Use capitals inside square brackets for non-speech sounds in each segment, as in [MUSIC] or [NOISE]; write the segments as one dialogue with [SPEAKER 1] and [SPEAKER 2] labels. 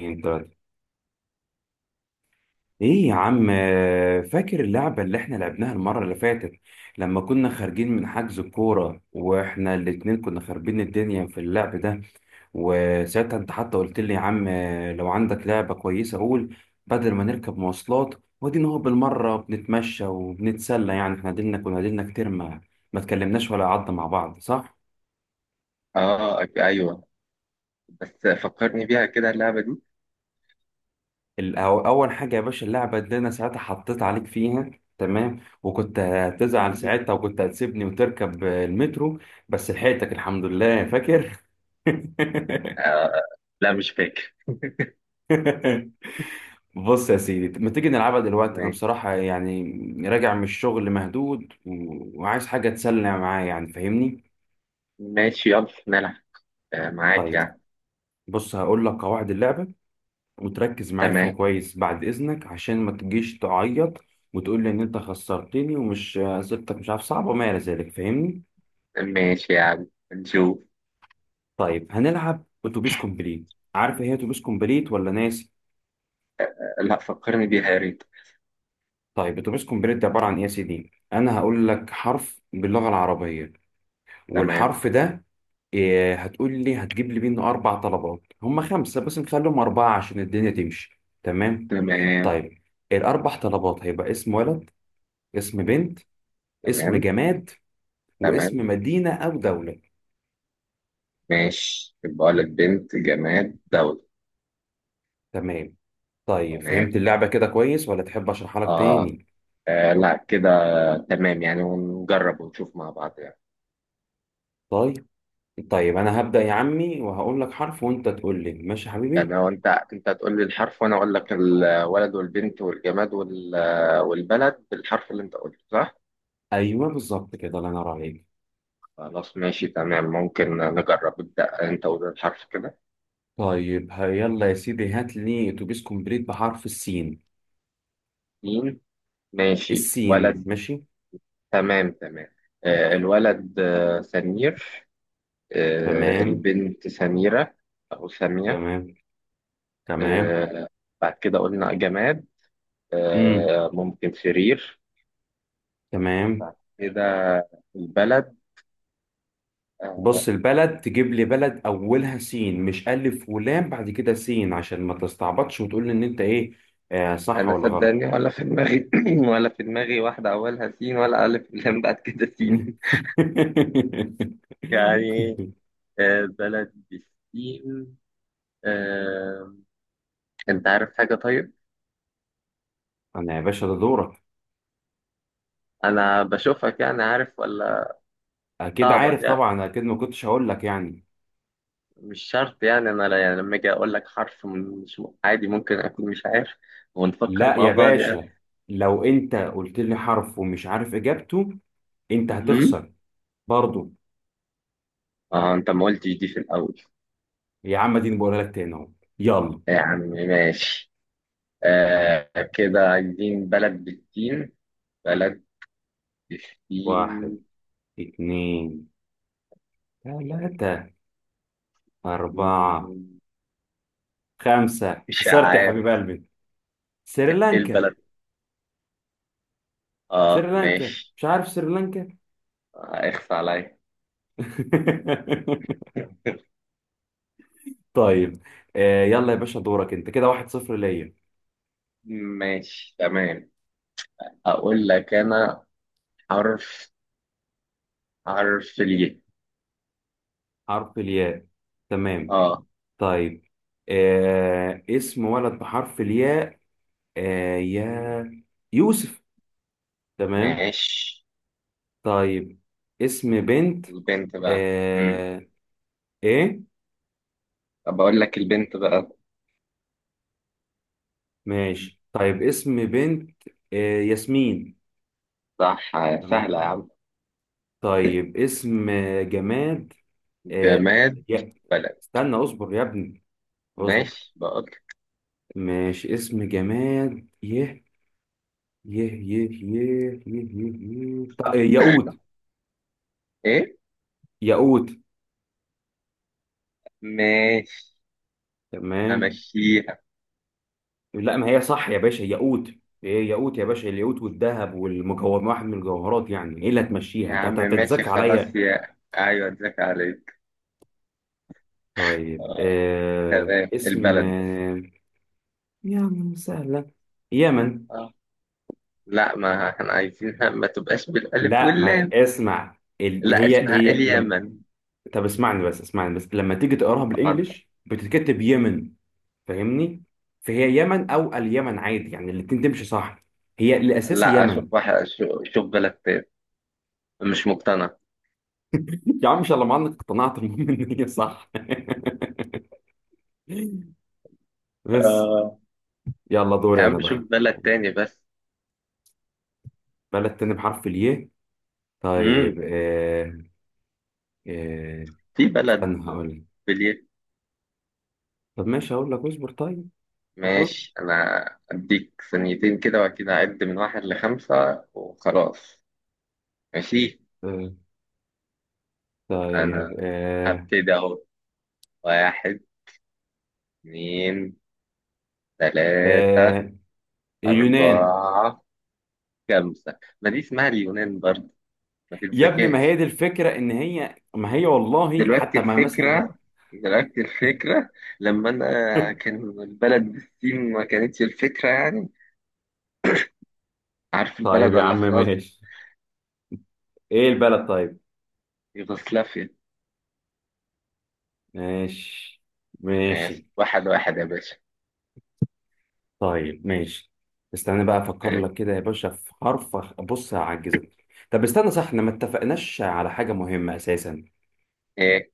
[SPEAKER 1] انت، ايه يا عم؟ فاكر اللعبة اللي احنا لعبناها المرة اللي فاتت، لما كنا خارجين من حجز الكورة واحنا الاتنين كنا خاربين الدنيا في اللعب ده. وساعتها انت حتى قلت لي: يا عم، لو عندك لعبة كويسة قول، بدل ما نركب مواصلات ودينا هو بالمرة بنتمشى وبنتسلى. يعني احنا ديلنا كتير ما اتكلمناش ولا قعدنا مع بعض، صح؟
[SPEAKER 2] اه، ايوه. بس فكرني بيها كده اللعبة دي.
[SPEAKER 1] اول حاجه يا باشا، اللعبه اللي انا ساعتها حطيت عليك فيها، تمام. وكنت هتزعل
[SPEAKER 2] مهم.
[SPEAKER 1] ساعتها وكنت هتسيبني وتركب المترو، بس لحقتك الحمد لله، فاكر؟
[SPEAKER 2] آه. لا، مش فاكر.
[SPEAKER 1] [LAUGHS] بص يا سيدي، ما تيجي نلعبها دلوقتي؟ انا
[SPEAKER 2] ماشي.
[SPEAKER 1] بصراحه يعني راجع من الشغل مهدود وعايز حاجه تسلى معايا، يعني فاهمني؟
[SPEAKER 2] ماشي، يلا نلعب. آه، معاك
[SPEAKER 1] طيب،
[SPEAKER 2] يعني.
[SPEAKER 1] بص هقول لك قواعد اللعبه، وتركز معايا فيها
[SPEAKER 2] تمام.
[SPEAKER 1] كويس بعد إذنك، عشان ما تجيش تعيط وتقول لي إن أنت خسرتني ومش أسئلتك مش عارف صعبة وما إلى ذلك، فاهمني؟
[SPEAKER 2] ماشي يعني نشوف.
[SPEAKER 1] طيب، هنلعب أتوبيس كومبليت. عارف إيه هي أتوبيس كومبليت ولا ناسي؟
[SPEAKER 2] لا، فكرني بيها يا ريت.
[SPEAKER 1] طيب، أتوبيس كومبليت ده عبارة عن إيه يا سيدي؟ أنا هقول لك حرف باللغة العربية،
[SPEAKER 2] تمام.
[SPEAKER 1] والحرف ده إيه، هتقول لي هتجيب لي منه أربع طلبات. هم خمسة بس نخليهم أربعة عشان الدنيا تمشي، تمام؟
[SPEAKER 2] تمام.
[SPEAKER 1] طيب، الأربع طلبات هيبقى اسم ولد، اسم بنت، اسم
[SPEAKER 2] تمام.
[SPEAKER 1] جماد، واسم
[SPEAKER 2] تمام.
[SPEAKER 1] مدينة أو دولة.
[SPEAKER 2] ماشي، بقول لك بنت جماد دولة.
[SPEAKER 1] تمام. طيب،
[SPEAKER 2] تمام.
[SPEAKER 1] فهمت اللعبة كده كويس ولا تحب أشرحها لك
[SPEAKER 2] آه.
[SPEAKER 1] تاني؟
[SPEAKER 2] اه لا كده. تمام يعني، ونجرب ونشوف مع بعض يعني.
[SPEAKER 1] طيب. طيب، أنا هبدأ يا عمي وهقول لك حرف وأنت تقول لي. ماشي يا
[SPEAKER 2] يعني
[SPEAKER 1] حبيبي؟
[SPEAKER 2] هو انت هتقول لي الحرف وانا اقول لك الولد والبنت والجماد والبلد بالحرف اللي انت قلته، صح؟
[SPEAKER 1] أيوه بالظبط كده، الله ينور عليك.
[SPEAKER 2] خلاص ماشي تمام، ممكن نجرب. ابدأ انت، قول الحرف كده.
[SPEAKER 1] طيب، يلا يا سيدي، هات لي أتوبيس كومبليت بحرف السين.
[SPEAKER 2] مين؟ ماشي،
[SPEAKER 1] السين،
[SPEAKER 2] ولد.
[SPEAKER 1] ماشي.
[SPEAKER 2] تمام تمام. آه الولد، آه، سمير. آه
[SPEAKER 1] تمام
[SPEAKER 2] البنت سميرة. او سامية.
[SPEAKER 1] تمام. تمام.
[SPEAKER 2] آه. بعد كده قلنا جماد.
[SPEAKER 1] امم
[SPEAKER 2] آه، ممكن سرير.
[SPEAKER 1] تمام.
[SPEAKER 2] بعد كده البلد. آه.
[SPEAKER 1] بص، البلد تجيب لي بلد أولها سين، مش ألف ولام بعد كده سين، عشان ما تستعبطش وتقول لي إن أنت إيه. آه، صح
[SPEAKER 2] انا،
[SPEAKER 1] ولا غلط؟
[SPEAKER 2] صدقني، ولا في دماغي [CLEARS THROAT] ولا في دماغي واحده اولها سين ولا الف لام بعد كده سين.
[SPEAKER 1] [LAUGHS]
[SPEAKER 2] [LAUGHS] يعني. آه، بلد بالسين. آه. انت عارف حاجه، طيب؟
[SPEAKER 1] انا يا باشا، ده دورك.
[SPEAKER 2] انا بشوفك يعني، عارف ولا؟
[SPEAKER 1] اكيد
[SPEAKER 2] صعبت
[SPEAKER 1] عارف
[SPEAKER 2] يعني.
[SPEAKER 1] طبعا، اكيد ما كنتش هقول لك يعني.
[SPEAKER 2] مش شرط يعني، انا يعني لما اجي اقول لك حرف، مش عادي ممكن اكون مش عارف. ونفكر
[SPEAKER 1] لا
[SPEAKER 2] مع
[SPEAKER 1] يا
[SPEAKER 2] بعض يعني.
[SPEAKER 1] باشا، لو انت قلت لي حرف ومش عارف اجابته، انت
[SPEAKER 2] أمم؟
[SPEAKER 1] هتخسر. برضو.
[SPEAKER 2] اه، انت ما قلتش دي في الاول.
[SPEAKER 1] يا عم، دي بقولها لك تاني اهو. يلا.
[SPEAKER 2] يا عم ماشي. آه، كده عايزين بلد بالسين. بلد بالسين.
[SPEAKER 1] واحد، اتنين، تلاتة،
[SPEAKER 2] مم،
[SPEAKER 1] أربعة، خمسة.
[SPEAKER 2] مش
[SPEAKER 1] خسرت يا حبيب
[SPEAKER 2] عارف.
[SPEAKER 1] قلبي.
[SPEAKER 2] ايه
[SPEAKER 1] سريلانكا.
[SPEAKER 2] البلد. اه
[SPEAKER 1] سريلانكا،
[SPEAKER 2] ماشي.
[SPEAKER 1] مش عارف سريلانكا.
[SPEAKER 2] آه، اخفى عليا.
[SPEAKER 1] [LAUGHS]
[SPEAKER 2] [LAUGHS]
[SPEAKER 1] طيب، آه يلا يا باشا دورك انت، كده 1-0 ليا.
[SPEAKER 2] ماشي. تمام. اقول لك انا حرف، حرف الياء.
[SPEAKER 1] حرف الياء، تمام.
[SPEAKER 2] اه.
[SPEAKER 1] طيب، آه اسم ولد بحرف الياء. آه
[SPEAKER 2] مم.
[SPEAKER 1] يا، يوسف. تمام.
[SPEAKER 2] ماشي.
[SPEAKER 1] طيب، اسم بنت.
[SPEAKER 2] البنت بقى.
[SPEAKER 1] آه، ايه؟
[SPEAKER 2] طب اقول لك البنت بقى.
[SPEAKER 1] ماشي، طيب اسم بنت. آه، ياسمين.
[SPEAKER 2] صح.
[SPEAKER 1] تمام.
[SPEAKER 2] سهلة يا عم.
[SPEAKER 1] طيب، اسم جماد. آه
[SPEAKER 2] جماد.
[SPEAKER 1] يا،
[SPEAKER 2] بلد.
[SPEAKER 1] استنى اصبر يا ابني. اصبر.
[SPEAKER 2] ماشي، بقول.
[SPEAKER 1] ماشي، اسم جماد. يه يه يه يه يه يه, يه. طيب، ياقوت.
[SPEAKER 2] ايه.
[SPEAKER 1] ياقوت،
[SPEAKER 2] ماشي.
[SPEAKER 1] تمام.
[SPEAKER 2] امشيها.
[SPEAKER 1] لا ما هي صح يا باشا، ياقوت. ايه ياقوت يا باشا، الياقوت والذهب والمجوهر، واحد من الجوهرات يعني. ايه اللي هتمشيها؟
[SPEAKER 2] يا
[SPEAKER 1] انت
[SPEAKER 2] عم ماشي،
[SPEAKER 1] هتتذاكى
[SPEAKER 2] خلاص،
[SPEAKER 1] عليا؟
[SPEAKER 2] يا ايوه، ازيك عليك.
[SPEAKER 1] طيب،
[SPEAKER 2] آه،
[SPEAKER 1] آه
[SPEAKER 2] تمام،
[SPEAKER 1] اسم،
[SPEAKER 2] البلد.
[SPEAKER 1] آه يعني سهلة. يمن.
[SPEAKER 2] لا، ما احنا عايزينها [LAUGHS] ما تبقاش بالألف
[SPEAKER 1] لا، ما
[SPEAKER 2] واللام.
[SPEAKER 1] اسمع ال...
[SPEAKER 2] لا،
[SPEAKER 1] هي
[SPEAKER 2] اسمها
[SPEAKER 1] هي لم...
[SPEAKER 2] اليمن.
[SPEAKER 1] طب اسمعني بس، اسمعني بس، لما تيجي تقراها
[SPEAKER 2] طب.
[SPEAKER 1] بالانجلش بتتكتب يمن. فاهمني؟ فهي يمن او اليمن، عادي يعني، الاتنين تمشي، صح؟ هي الاساسي
[SPEAKER 2] لا،
[SPEAKER 1] يمن.
[SPEAKER 2] أشوف واحد، شوف بلد تاني. مش مقتنع.
[SPEAKER 1] [LAUGHS] يا عم ان شاء الله ما عندك، اقتنعت، المهم ان هي صح، بس.
[SPEAKER 2] آه.
[SPEAKER 1] يلا
[SPEAKER 2] يا
[SPEAKER 1] دوري انا
[SPEAKER 2] عم شوف
[SPEAKER 1] بقى.
[SPEAKER 2] بلد تاني بس.
[SPEAKER 1] بلد تاني بحرف الياء، طيب،
[SPEAKER 2] امم
[SPEAKER 1] آه. آه،
[SPEAKER 2] في بلد
[SPEAKER 1] استنى هقول لك.
[SPEAKER 2] باليد.
[SPEAKER 1] طب ماشي هقول لك، اصبر، طيب. اصبر.
[SPEAKER 2] ماشي أنا. أديك ثانيتين كده وأكيد هعد من واحد لخمسة وخلاص. ماشي.
[SPEAKER 1] آه، طيب
[SPEAKER 2] أنا
[SPEAKER 1] آه.
[SPEAKER 2] هبتدي أهو. واحد. اتنين. تلاتة.
[SPEAKER 1] آه، اليونان.
[SPEAKER 2] أربعة. خمسة، ما دي اسمها اليونان برضه، ما
[SPEAKER 1] يا ابني، ما هي
[SPEAKER 2] تتذكاش.
[SPEAKER 1] دي الفكرة، ان هي ما هي والله
[SPEAKER 2] دلوقتي
[SPEAKER 1] حتى ما مثلا.
[SPEAKER 2] الفكرة. دلوقتي الفكرة، لما أنا
[SPEAKER 1] [LAUGHS]
[SPEAKER 2] كان البلد بالسين ما كانتش الفكرة يعني. عارف
[SPEAKER 1] طيب
[SPEAKER 2] البلد
[SPEAKER 1] يا
[SPEAKER 2] ولا
[SPEAKER 1] عم
[SPEAKER 2] خلاص؟
[SPEAKER 1] ماشي. ايه البلد طيب؟
[SPEAKER 2] يوغوسلافيا.
[SPEAKER 1] ماشي،
[SPEAKER 2] ماشي،
[SPEAKER 1] ماشي،
[SPEAKER 2] واحد واحد يا باشا.
[SPEAKER 1] طيب. ماشي. استنى بقى افكر
[SPEAKER 2] إيه؟
[SPEAKER 1] لك كده يا باشا في حرف بص هعجزك. طب استنى صح، احنا ما اتفقناش على حاجة مهمة اساسا.
[SPEAKER 2] إيه.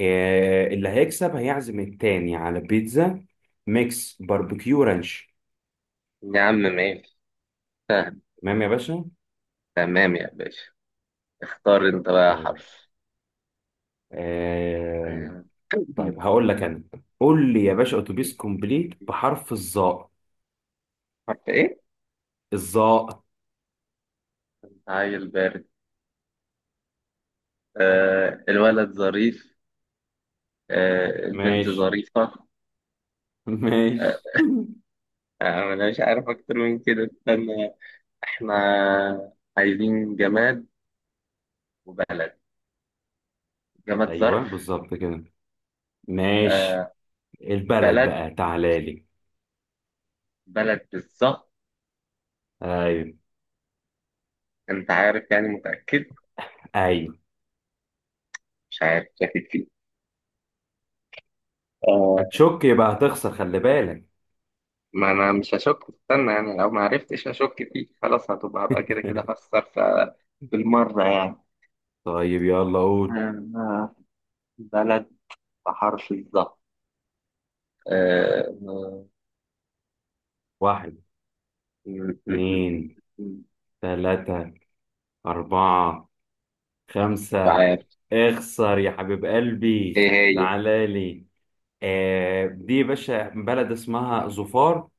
[SPEAKER 1] إيه اللي هيكسب هيعزم التاني على بيتزا ميكس باربيكيو رانش.
[SPEAKER 2] يا عم ماشي. فاهم.
[SPEAKER 1] تمام يا باشا.
[SPEAKER 2] تمام يا باشا. اختار أنت بقى
[SPEAKER 1] طيب،
[SPEAKER 2] حرف.
[SPEAKER 1] إيه؟
[SPEAKER 2] آه.
[SPEAKER 1] طيب هقول لك انا. قول لي يا باشا اتوبيس كومبليت بحرف الظاء.
[SPEAKER 2] حرف إيه؟
[SPEAKER 1] الظاء،
[SPEAKER 2] عيل بارد. آه الولد ظريف. آه البنت
[SPEAKER 1] ماشي.
[SPEAKER 2] ظريفة.
[SPEAKER 1] [LAUGHS]
[SPEAKER 2] آه.
[SPEAKER 1] ماشي.
[SPEAKER 2] آه. أنا مش عارف أكتر من كده، استنى. احنا عايزين جماد وبلد.
[SPEAKER 1] [LAUGHS]
[SPEAKER 2] جماد
[SPEAKER 1] ايوه
[SPEAKER 2] ظرف.
[SPEAKER 1] بالظبط كده. ماشي.
[SPEAKER 2] آه.
[SPEAKER 1] البلد
[SPEAKER 2] بلد.
[SPEAKER 1] بقى، تعالى لي.
[SPEAKER 2] بلد بالظبط.
[SPEAKER 1] أيوه.
[SPEAKER 2] انت عارف يعني، متأكد؟
[SPEAKER 1] ايوه.
[SPEAKER 2] مش عارف، شاكك فيه. آه.
[SPEAKER 1] هتشك يبقى هتخسر، خلي بالك.
[SPEAKER 2] ما انا مش هشك، استنى يعني، لو ما عرفتش هشك فيه خلاص، هبقى كده كده
[SPEAKER 1] [LAUGHS]
[SPEAKER 2] خسر. بالمرة يعني.
[SPEAKER 1] طيب يلا قول.
[SPEAKER 2] آه. بلد بحرف الظهر. آه،
[SPEAKER 1] واحد،
[SPEAKER 2] م- م-
[SPEAKER 1] اتنين،
[SPEAKER 2] مش
[SPEAKER 1] تلاتة، أربعة، خمسة.
[SPEAKER 2] عارف.
[SPEAKER 1] اخسر يا حبيب قلبي،
[SPEAKER 2] ايه هي؟
[SPEAKER 1] تعالى لي. آه دي يا باشا بلد اسمها ظفار.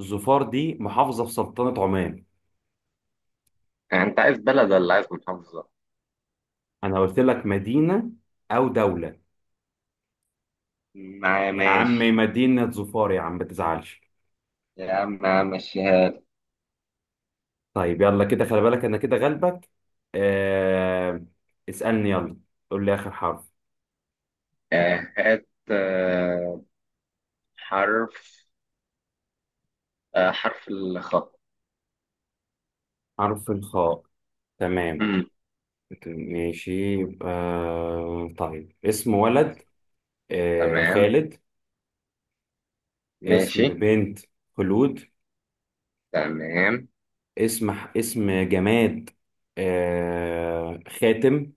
[SPEAKER 1] ظفار دي محافظة في سلطنة عمان.
[SPEAKER 2] يعني انت عايز بلد ولا عايز محافظة؟
[SPEAKER 1] أنا قلت لك مدينة أو دولة. يا عم،
[SPEAKER 2] ماشي.
[SPEAKER 1] مدينة ظفار يا عم، ما تزعلش.
[SPEAKER 2] يا عم، يا عم، مشيها لي.
[SPEAKER 1] طيب، يلا كده خلي بالك أنا كده غلبك. آه، اسألني يلا، قول لي آخر حرف.
[SPEAKER 2] آه، هات، آه، حرف، آه، حرف الخاء.
[SPEAKER 1] حرف الخاء، تمام.
[SPEAKER 2] مم.
[SPEAKER 1] ماشي. يبقى، طيب اسم ولد. آه،
[SPEAKER 2] تمام.
[SPEAKER 1] خالد.
[SPEAKER 2] ماشي.
[SPEAKER 1] اسم بنت، خلود.
[SPEAKER 2] تمام.
[SPEAKER 1] اسم اسم جماد. آه، خاتم.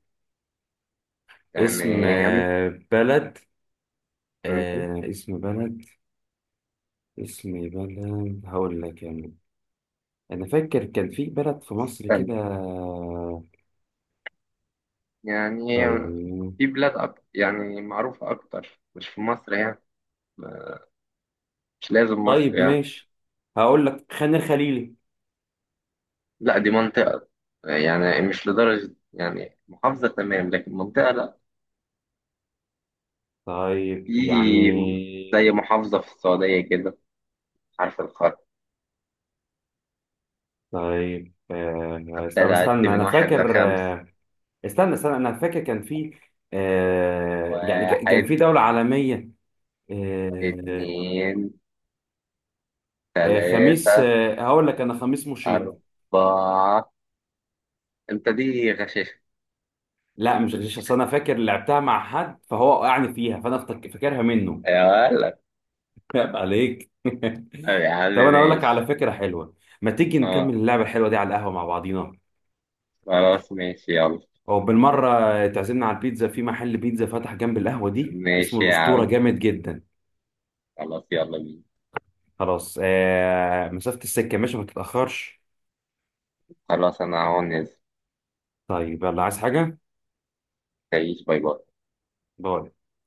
[SPEAKER 1] اسم
[SPEAKER 2] تمام.
[SPEAKER 1] آه، بلد.
[SPEAKER 2] مم.
[SPEAKER 1] آه، اسم بلد. اسم بلد هقول لك يعني. انا فاكر كان في بلد في مصر
[SPEAKER 2] تمام.
[SPEAKER 1] كده.
[SPEAKER 2] يعني
[SPEAKER 1] طيب.
[SPEAKER 2] في بلاد أكتر يعني، معروفة أكتر، مش في مصر يعني. مش لازم مصر
[SPEAKER 1] طيب
[SPEAKER 2] يعني.
[SPEAKER 1] ماشي، هقول لك خان الخليلي.
[SPEAKER 2] لا، دي منطقة. يعني مش لدرجة يعني محافظة، تمام، لكن منطقة لا.
[SPEAKER 1] طيب
[SPEAKER 2] في،
[SPEAKER 1] يعني.
[SPEAKER 2] زي محافظة في السعودية كده. حرف الخاء.
[SPEAKER 1] طيب آه، طب
[SPEAKER 2] هبتدي أعد
[SPEAKER 1] استنى
[SPEAKER 2] من
[SPEAKER 1] انا
[SPEAKER 2] واحد
[SPEAKER 1] فاكر
[SPEAKER 2] لخمس.
[SPEAKER 1] آه. استنى استنى، انا فاكر كان في، آه يعني
[SPEAKER 2] واحد.
[SPEAKER 1] كان في دولة عالمية. آه،
[SPEAKER 2] اتنين.
[SPEAKER 1] آه، خميس،
[SPEAKER 2] تلاتة.
[SPEAKER 1] آه هقول لك انا، خميس مشيط.
[SPEAKER 2] أربعة. أنت دي غشاشة.
[SPEAKER 1] لا مش غشيش، اصل انا فاكر لعبتها مع حد فهو وقعني فيها، فانا فاكرها منه.
[SPEAKER 2] يا ولد.
[SPEAKER 1] [LAUGHS] عيب عليك. [LAUGHS]
[SPEAKER 2] يا عم
[SPEAKER 1] طب انا اقول لك
[SPEAKER 2] ماشي.
[SPEAKER 1] على فكرة حلوة. ما تيجي نكمل
[SPEAKER 2] أه.
[SPEAKER 1] اللعبة الحلوة دي على القهوة مع بعضينا،
[SPEAKER 2] خلاص ماشي، يلا.
[SPEAKER 1] او بالمرة تعزمنا على البيتزا، في محل بيتزا فتح جنب القهوة دي اسمه
[SPEAKER 2] ماشي يا
[SPEAKER 1] الأسطورة،
[SPEAKER 2] عم.
[SPEAKER 1] جامد جدا.
[SPEAKER 2] خلاص يلا بينا.
[SPEAKER 1] خلاص. آه، مسافة السكة ماشي، ما تتأخرش.
[SPEAKER 2] خلاص أنا هون نازل.
[SPEAKER 1] طيب، يلا، عايز حاجة؟
[SPEAKER 2] تعيش، باي باي.
[SPEAKER 1] باي.